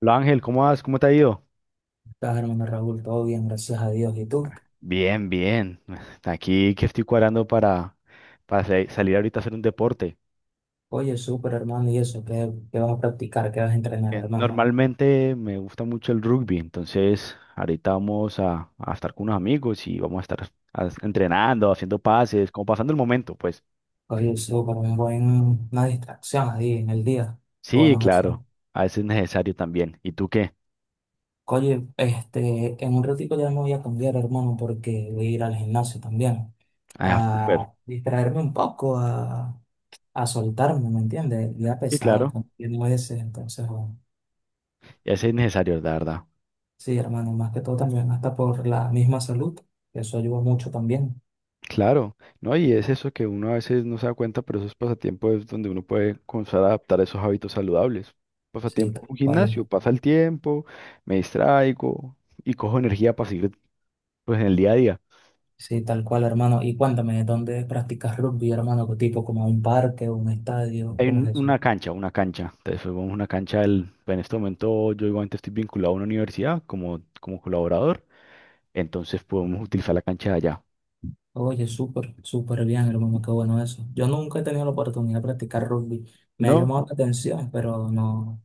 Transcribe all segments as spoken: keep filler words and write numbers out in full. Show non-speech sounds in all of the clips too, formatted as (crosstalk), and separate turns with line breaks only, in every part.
Hola Ángel, ¿cómo vas? ¿Cómo te ha ido?
Estás, hermano Raúl, todo bien, gracias a Dios. ¿Y tú?
Bien, bien. (laughs) Aquí que estoy cuadrando para, para sa- salir ahorita a hacer un deporte.
Oye, súper, hermano, ¿y eso? ¿Qué, qué vas a practicar? ¿Qué vas a entrenar,
Bien.
hermano?
Normalmente me gusta mucho el rugby, entonces ahorita vamos a, a estar con unos amigos y vamos a estar as- entrenando, haciendo pases, como pasando el momento, pues.
Oye, súper, un buen, una distracción ahí en el día.
Sí,
Bueno, eso.
claro, a veces es necesario también. ¿Y tú qué?
Oye, este, en un ratito ya me voy a cambiar, hermano, porque voy a ir al gimnasio también.
Ah, súper.
A distraerme un poco, a, a soltarme, ¿me entiendes? El día
Sí,
pesado,
claro,
con ese, entonces, bueno.
y a veces es necesario, la verdad.
Sí, hermano, más que todo también, hasta por la misma salud, que eso ayuda mucho también.
Claro, ¿no? Y es eso que uno a veces no se da cuenta, pero esos pasatiempos es donde uno puede comenzar a adaptar esos hábitos saludables.
Sí,
Pasatiempo,
tal
un gimnasio,
cual.
pasa el tiempo, me distraigo y cojo energía para seguir pues en el día a día.
Sí, tal cual, hermano. Y cuéntame, ¿dónde practicas rugby, hermano? ¿Qué tipo? ¿Como un parque o un estadio?
Hay
¿Cómo es
un-
eso?
una cancha, una cancha, entonces pues, vamos a una cancha, del- en este momento yo igualmente estoy vinculado a una universidad como, como colaborador, entonces podemos utilizar la cancha de allá,
Oye, súper, súper bien, hermano. Qué bueno eso. Yo nunca he tenido la oportunidad de practicar rugby. Me ha
¿no?
llamado la atención, pero no,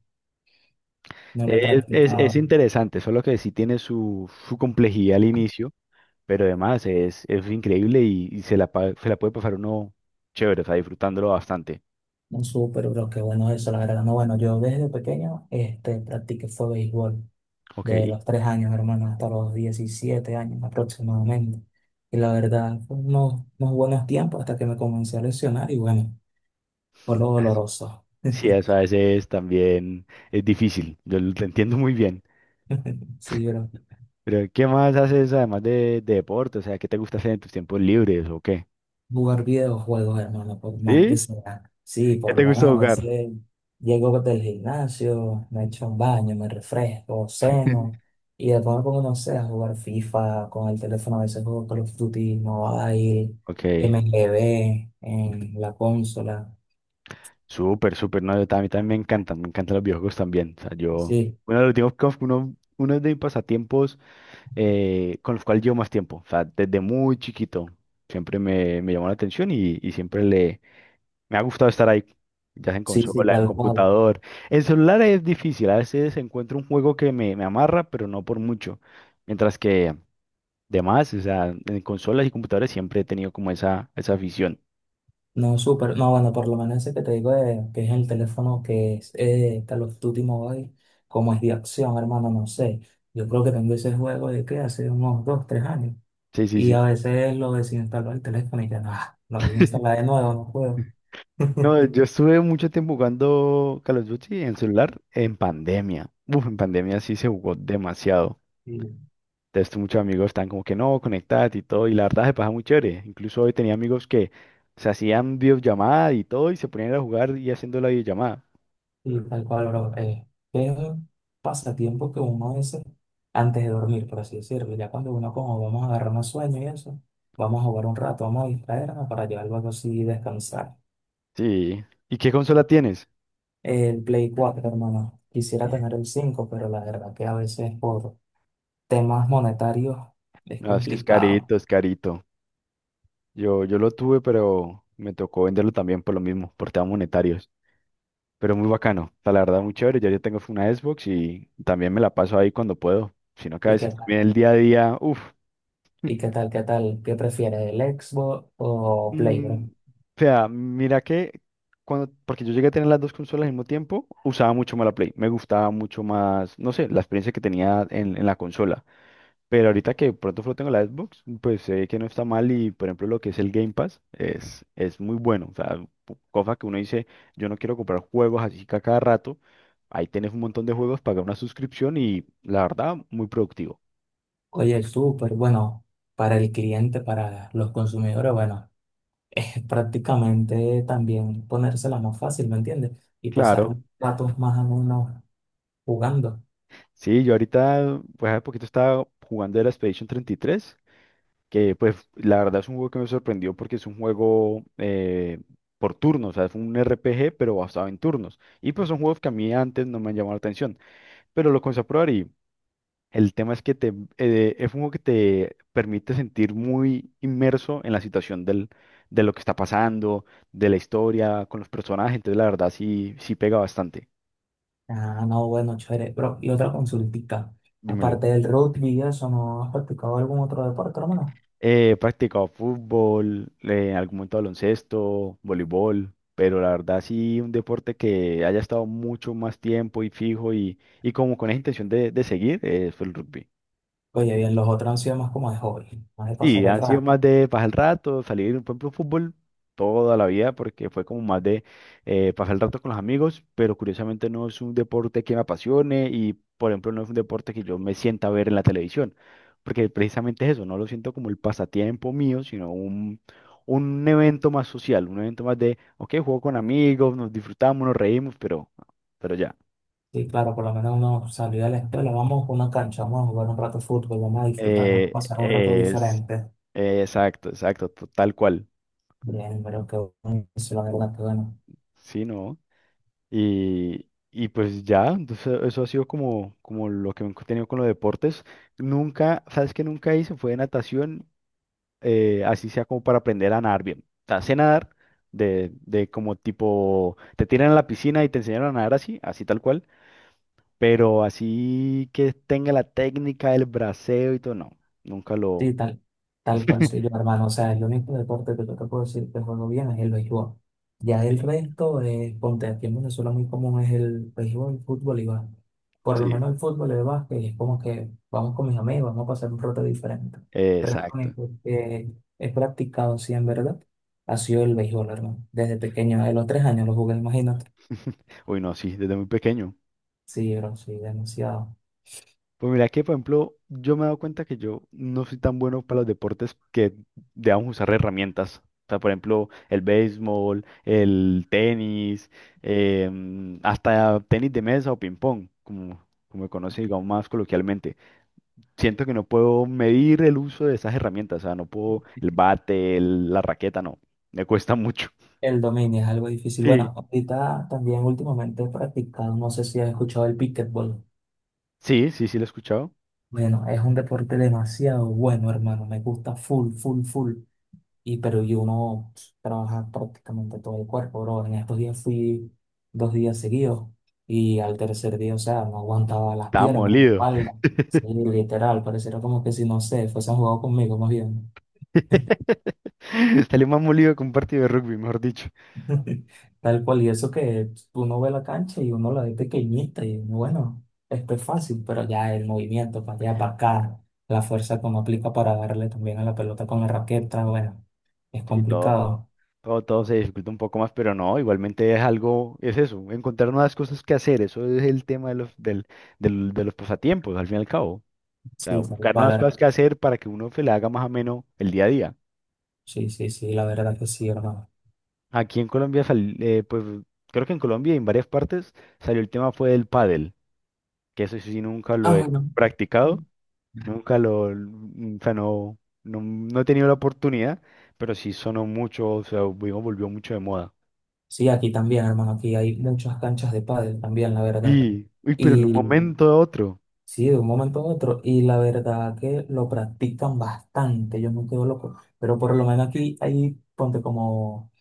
no lo he
Es, es, es
practicado.
interesante, solo que sí tiene su, su complejidad al inicio. Pero además es, es increíble y, y se la, pa- se la puede pasar uno chévere, o sea, disfrutándolo bastante.
No, súper, pero qué bueno eso, la verdad. No, bueno, yo desde pequeño este, practiqué fue béisbol.
Ok.
De
Y
los tres años, hermano, hasta los diecisiete años aproximadamente. Y la verdad, fue unos, unos buenos tiempos hasta que me comencé a lesionar y bueno, fue lo doloroso. (laughs)
sí, eso a veces también es difícil, yo lo te entiendo muy bien.
Sí, pero
Pero ¿qué más haces además de, de deporte? O sea, ¿qué te gusta hacer en tus tiempos libres o qué?
jugar videojuegos, hermano, por más que
¿Sí?
sea. Sí,
¿Qué
por lo
te gusta... Sí.
menos a
..jugar?
veces llego del gimnasio, me echo un baño, me refresco, ceno, y después me pongo, no sé, a jugar FIFA con el teléfono, a veces juego Call of Duty, Mobile,
Ok,
M G B en la consola.
súper, súper. No, yo tam- a mí también me encantan, me encantan los videojuegos también, o sea, yo,
Sí,
uno de los últimos, uno, uno de mis pasatiempos eh, con los cuales llevo más tiempo. O sea, desde muy chiquito siempre me, me llamó la atención y, y siempre le, me ha gustado estar ahí, ya sea en
sí, sí,
consola, en
tal cual.
computador. En celular es difícil, a veces encuentro un juego que me, me amarra, pero no por mucho. Mientras que demás, o sea, en consolas y computadores siempre he tenido como esa, esa afición.
No, súper. No, bueno, por lo menos ese que te digo de, que es el teléfono que es eh, Call of Duty Mobile, como es de acción, hermano, no sé. Yo creo que tengo ese juego de que hace unos dos, tres años.
Sí, sí,
Y a
sí.
veces lo desinstalo el teléfono y ya, no, ah, lo voy a instalar de
(laughs)
nuevo, no puedo.
No,
(laughs)
yo estuve mucho tiempo jugando Call of Duty en celular en pandemia. Uf, en pandemia sí se jugó demasiado.
Y,
Entonces, muchos amigos están como que no, conectadas y todo, y la verdad se pasa muy chévere. Incluso hoy tenía amigos que se hacían videollamada y todo, y se ponían a jugar y haciendo la videollamada.
y tal cual, bro. Eh, es un pasatiempo que uno hace antes de dormir, por así decirlo. Ya cuando uno como vamos a agarrar un sueño y eso, vamos a jugar un rato, vamos a distraernos para llevar algo así y descansar.
Sí. ¿Y qué consola tienes?
El Play cuatro, hermano. Quisiera
Ay.
tener el cinco pero la verdad que a veces por temas monetarios es
No, es que es
complicado.
carito, es carito. Yo, yo lo tuve, pero me tocó venderlo también por lo mismo, por temas monetarios. Pero muy bacano, o sea, la verdad muy chévere. Ya yo tengo una Xbox y también me la paso ahí cuando puedo. Sino que a
¿Y
veces
qué tal?
también el día a día, uff.
¿Y qué tal? ¿Qué tal? ¿Qué prefieres, el Xbox o Play,
Mm,
bro?
o sea, mira que cuando, porque yo llegué a tener las dos consolas al mismo tiempo, usaba mucho más la Play. Me gustaba mucho más, no sé, la experiencia que tenía en, en la consola. Pero ahorita que pronto solo tengo la Xbox, pues sé que no está mal y, por ejemplo, lo que es el Game Pass es, es muy bueno. O sea, pu- cosa que uno dice, yo no quiero comprar juegos así que a cada rato. Ahí tenés un montón de juegos, pagar una suscripción y la verdad, muy productivo.
Oye, el Super, bueno, para el cliente, para los consumidores, bueno, (laughs) es prácticamente también ponérsela más fácil, ¿me entiendes? Y pasar
Claro.
un ratos más o menos jugando.
Sí, yo ahorita, pues hace poquito estaba jugando el Expedition treinta y tres, que pues la verdad es un juego que me sorprendió porque es un juego eh, por turnos, o sea, es un R P G pero basado en turnos. Y pues son juegos que a mí antes no me han llamado la atención, pero lo comencé a probar y el tema es que te, eh, es un juego que te permite sentir muy inmerso en la situación del, de lo que está pasando, de la historia, con los personajes, entonces la verdad sí, sí pega bastante.
Ah, no, bueno, chévere, bro. Y otra consultita.
Dímelo.
Aparte del rugby, y eso, ¿no has practicado algún otro deporte, hermano?
He practicado fútbol, eh, en algún momento baloncesto, voleibol, pero la verdad sí un deporte que haya estado mucho más tiempo y fijo y, y como con esa intención de, de seguir, eh, fue el rugby.
Oye, bien, los otros han sido más como de hobby, más de pasar
Y
el
han sido
rato.
más de pasar el rato, salir, por ejemplo, fútbol toda la vida, porque fue como más de eh, pasar el rato con los amigos, pero curiosamente no es un deporte que me apasione y, por ejemplo, no es un deporte que yo me sienta a ver en la televisión, porque precisamente es eso, no lo siento como el pasatiempo mío, sino un, un evento más social, un evento más de, ok, juego con amigos, nos disfrutamos, nos reímos, pero, pero ya.
Sí, claro, por lo menos uno salió de la escuela, vamos a una cancha, vamos a jugar un rato de fútbol, vamos a disfrutar, vamos a
Eh,
pasar un rato
es,
diferente.
exacto, exacto, to- tal cual,
Bien, pero qué bueno, se lo hago, qué bueno.
sí, ¿no? Y, y pues ya, entonces eso ha sido como, como lo que he tenido con los deportes. Nunca, ¿sabes qué nunca hice? Fue natación, eh, así sea como para aprender a nadar bien. O sea, sé nadar de, de como tipo, te tiran a la piscina y te enseñaron a nadar así, así tal cual, pero así que tenga la técnica del braceo y todo, no, nunca lo...
Sí, tal, tal cual soy yo, hermano. O sea, el único deporte que yo te puedo decir que juego bien es el béisbol. Ya el
Sí.
resto, eh, ponte aquí en Venezuela muy común es el béisbol, el fútbol y básquet. Por lo
Sí.
menos el fútbol y el básquet es como que vamos con mis amigos, vamos a pasar un rato diferente.
Eh,
Pero es lo
exacto.
único que he practicado, sí, en verdad, ha sido el béisbol, hermano. Desde pequeño, de los tres años lo jugué, imagínate.
(laughs) Uy, no, sí, desde muy pequeño.
Sí, bro, sí, demasiado.
Pues mira que, por ejemplo, yo me he dado cuenta que yo no soy tan bueno para los deportes que debamos usar herramientas. O sea, por ejemplo, el béisbol, el tenis, em, hasta tenis de mesa o ping-pong, como, como me conoce, digamos, más coloquialmente. Siento que no puedo medir el uso de esas herramientas, o sea, no puedo el bate, el- la raqueta, no. Me cuesta mucho.
El dominio es algo difícil. Bueno,
Sí.
ahorita también últimamente he practicado, no sé si has escuchado el pickleball.
Sí, sí, sí, lo he escuchado.
Bueno, es un deporte demasiado bueno, hermano. Me gusta full, full, full. Y pero y uno trabaja prácticamente todo el cuerpo, bro. En estos días fui dos días seguidos y al tercer día, o sea, no aguantaba las
Estaba
piernas,
molido.
algo. Sí, literal, pareciera como que si no sé, fuesen jugado conmigo más bien.
(laughs) Salí más molido que un partido de rugby, mejor dicho.
(laughs) Tal cual, y eso que uno ve la cancha y uno la ve pequeñita y bueno, esto es fácil, pero ya el movimiento para allá, para acá, la fuerza que uno aplica para darle también a la pelota con la raqueta, bueno. Es
Sí, todo.
complicado.
Todo, todo se dificulta un poco más, pero no, igualmente es algo, es eso, encontrar nuevas cosas que hacer, eso es el tema de los, del, del- de los pasatiempos, al fin y al cabo. O sea,
Sí, tal
buscar
cual,
nuevas
her-
cosas que hacer para que uno se le haga más ameno el día a día.
Sí, sí, sí, la verdad que sí, hermano.
Aquí en Colombia, sal- eh, pues creo que en Colombia y en varias partes salió el tema fue del pádel, que eso sí nunca lo
Ah,
he
bueno.
practicado, nunca lo, mm, o sea, no, no, no he tenido la oportunidad, pero sí sonó mucho, o sea, volvió volvió mucho de moda.
Sí, aquí también, hermano. Aquí hay muchas canchas de pádel también, la verdad.
Y, uy, pero en un
Y
momento a otro.
sí, de un momento a otro. Y la verdad que lo practican bastante. Yo me quedo loco. Pero por lo menos aquí hay, ponte como,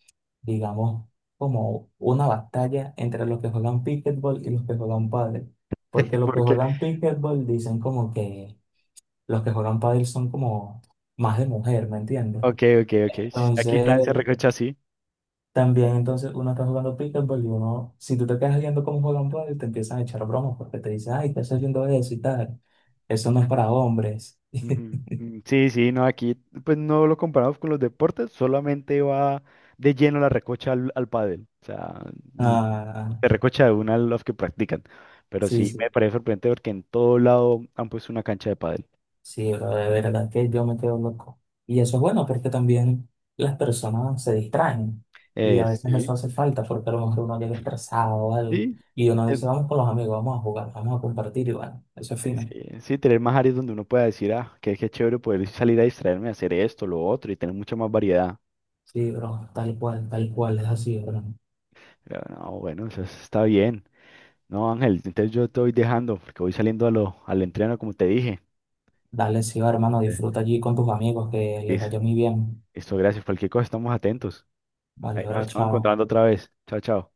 digamos, como una batalla entre los que juegan pickleball y los que juegan pádel. Porque los que
Porque,
juegan pickleball dicen como que los que juegan pádel son como más de mujer, ¿me entiendes?
ok, ok, ok. Sí, aquí
Entonces,
están, se recocha sí.
también entonces uno está jugando pickleball y uno, si tú te quedas viendo cómo juegan pádel, te empiezan a echar bromas porque te dicen, ay, estás haciendo eso y tal. Eso no es para hombres. (laughs)
Ujú. Mm, Sí, sí, no, aquí pues no lo comparamos con los deportes, solamente va de lleno la recocha al, al pádel. O sea, l-
Ah,
se recocha de una a los que practican. Pero
sí,
sí me
sí,
parece sorprendente porque en todo lado han puesto una cancha de pádel.
sí, pero de verdad que yo me quedo loco. Y eso es bueno porque también las personas se distraen y
Eh,
a veces
sí,
eso hace falta porque a lo mejor uno llega estresado o algo
sí,
y uno dice,
eh,
vamos con los amigos, vamos a jugar, vamos a compartir y bueno, eso es
eh,
fino.
sí, sí, tener más áreas donde uno pueda decir, ah, qué, qué chévere poder salir a distraerme, hacer esto, lo otro y tener mucha más variedad.
Sí, bro, tal cual, tal cual, es así, bro.
Pero, no, bueno, eso está bien. No, Ángel, entonces yo te voy dejando porque voy saliendo a lo, al entreno, como te dije.
Dale, sí, va, hermano,
Eh,
disfruta allí con tus amigos, que les
Listo,
vaya muy bien.
listo, gracias. Cualquier cosa, estamos atentos.
Vale,
Ahí nos
bro,
estamos
chao.
encontrando otra vez. Chao, chao.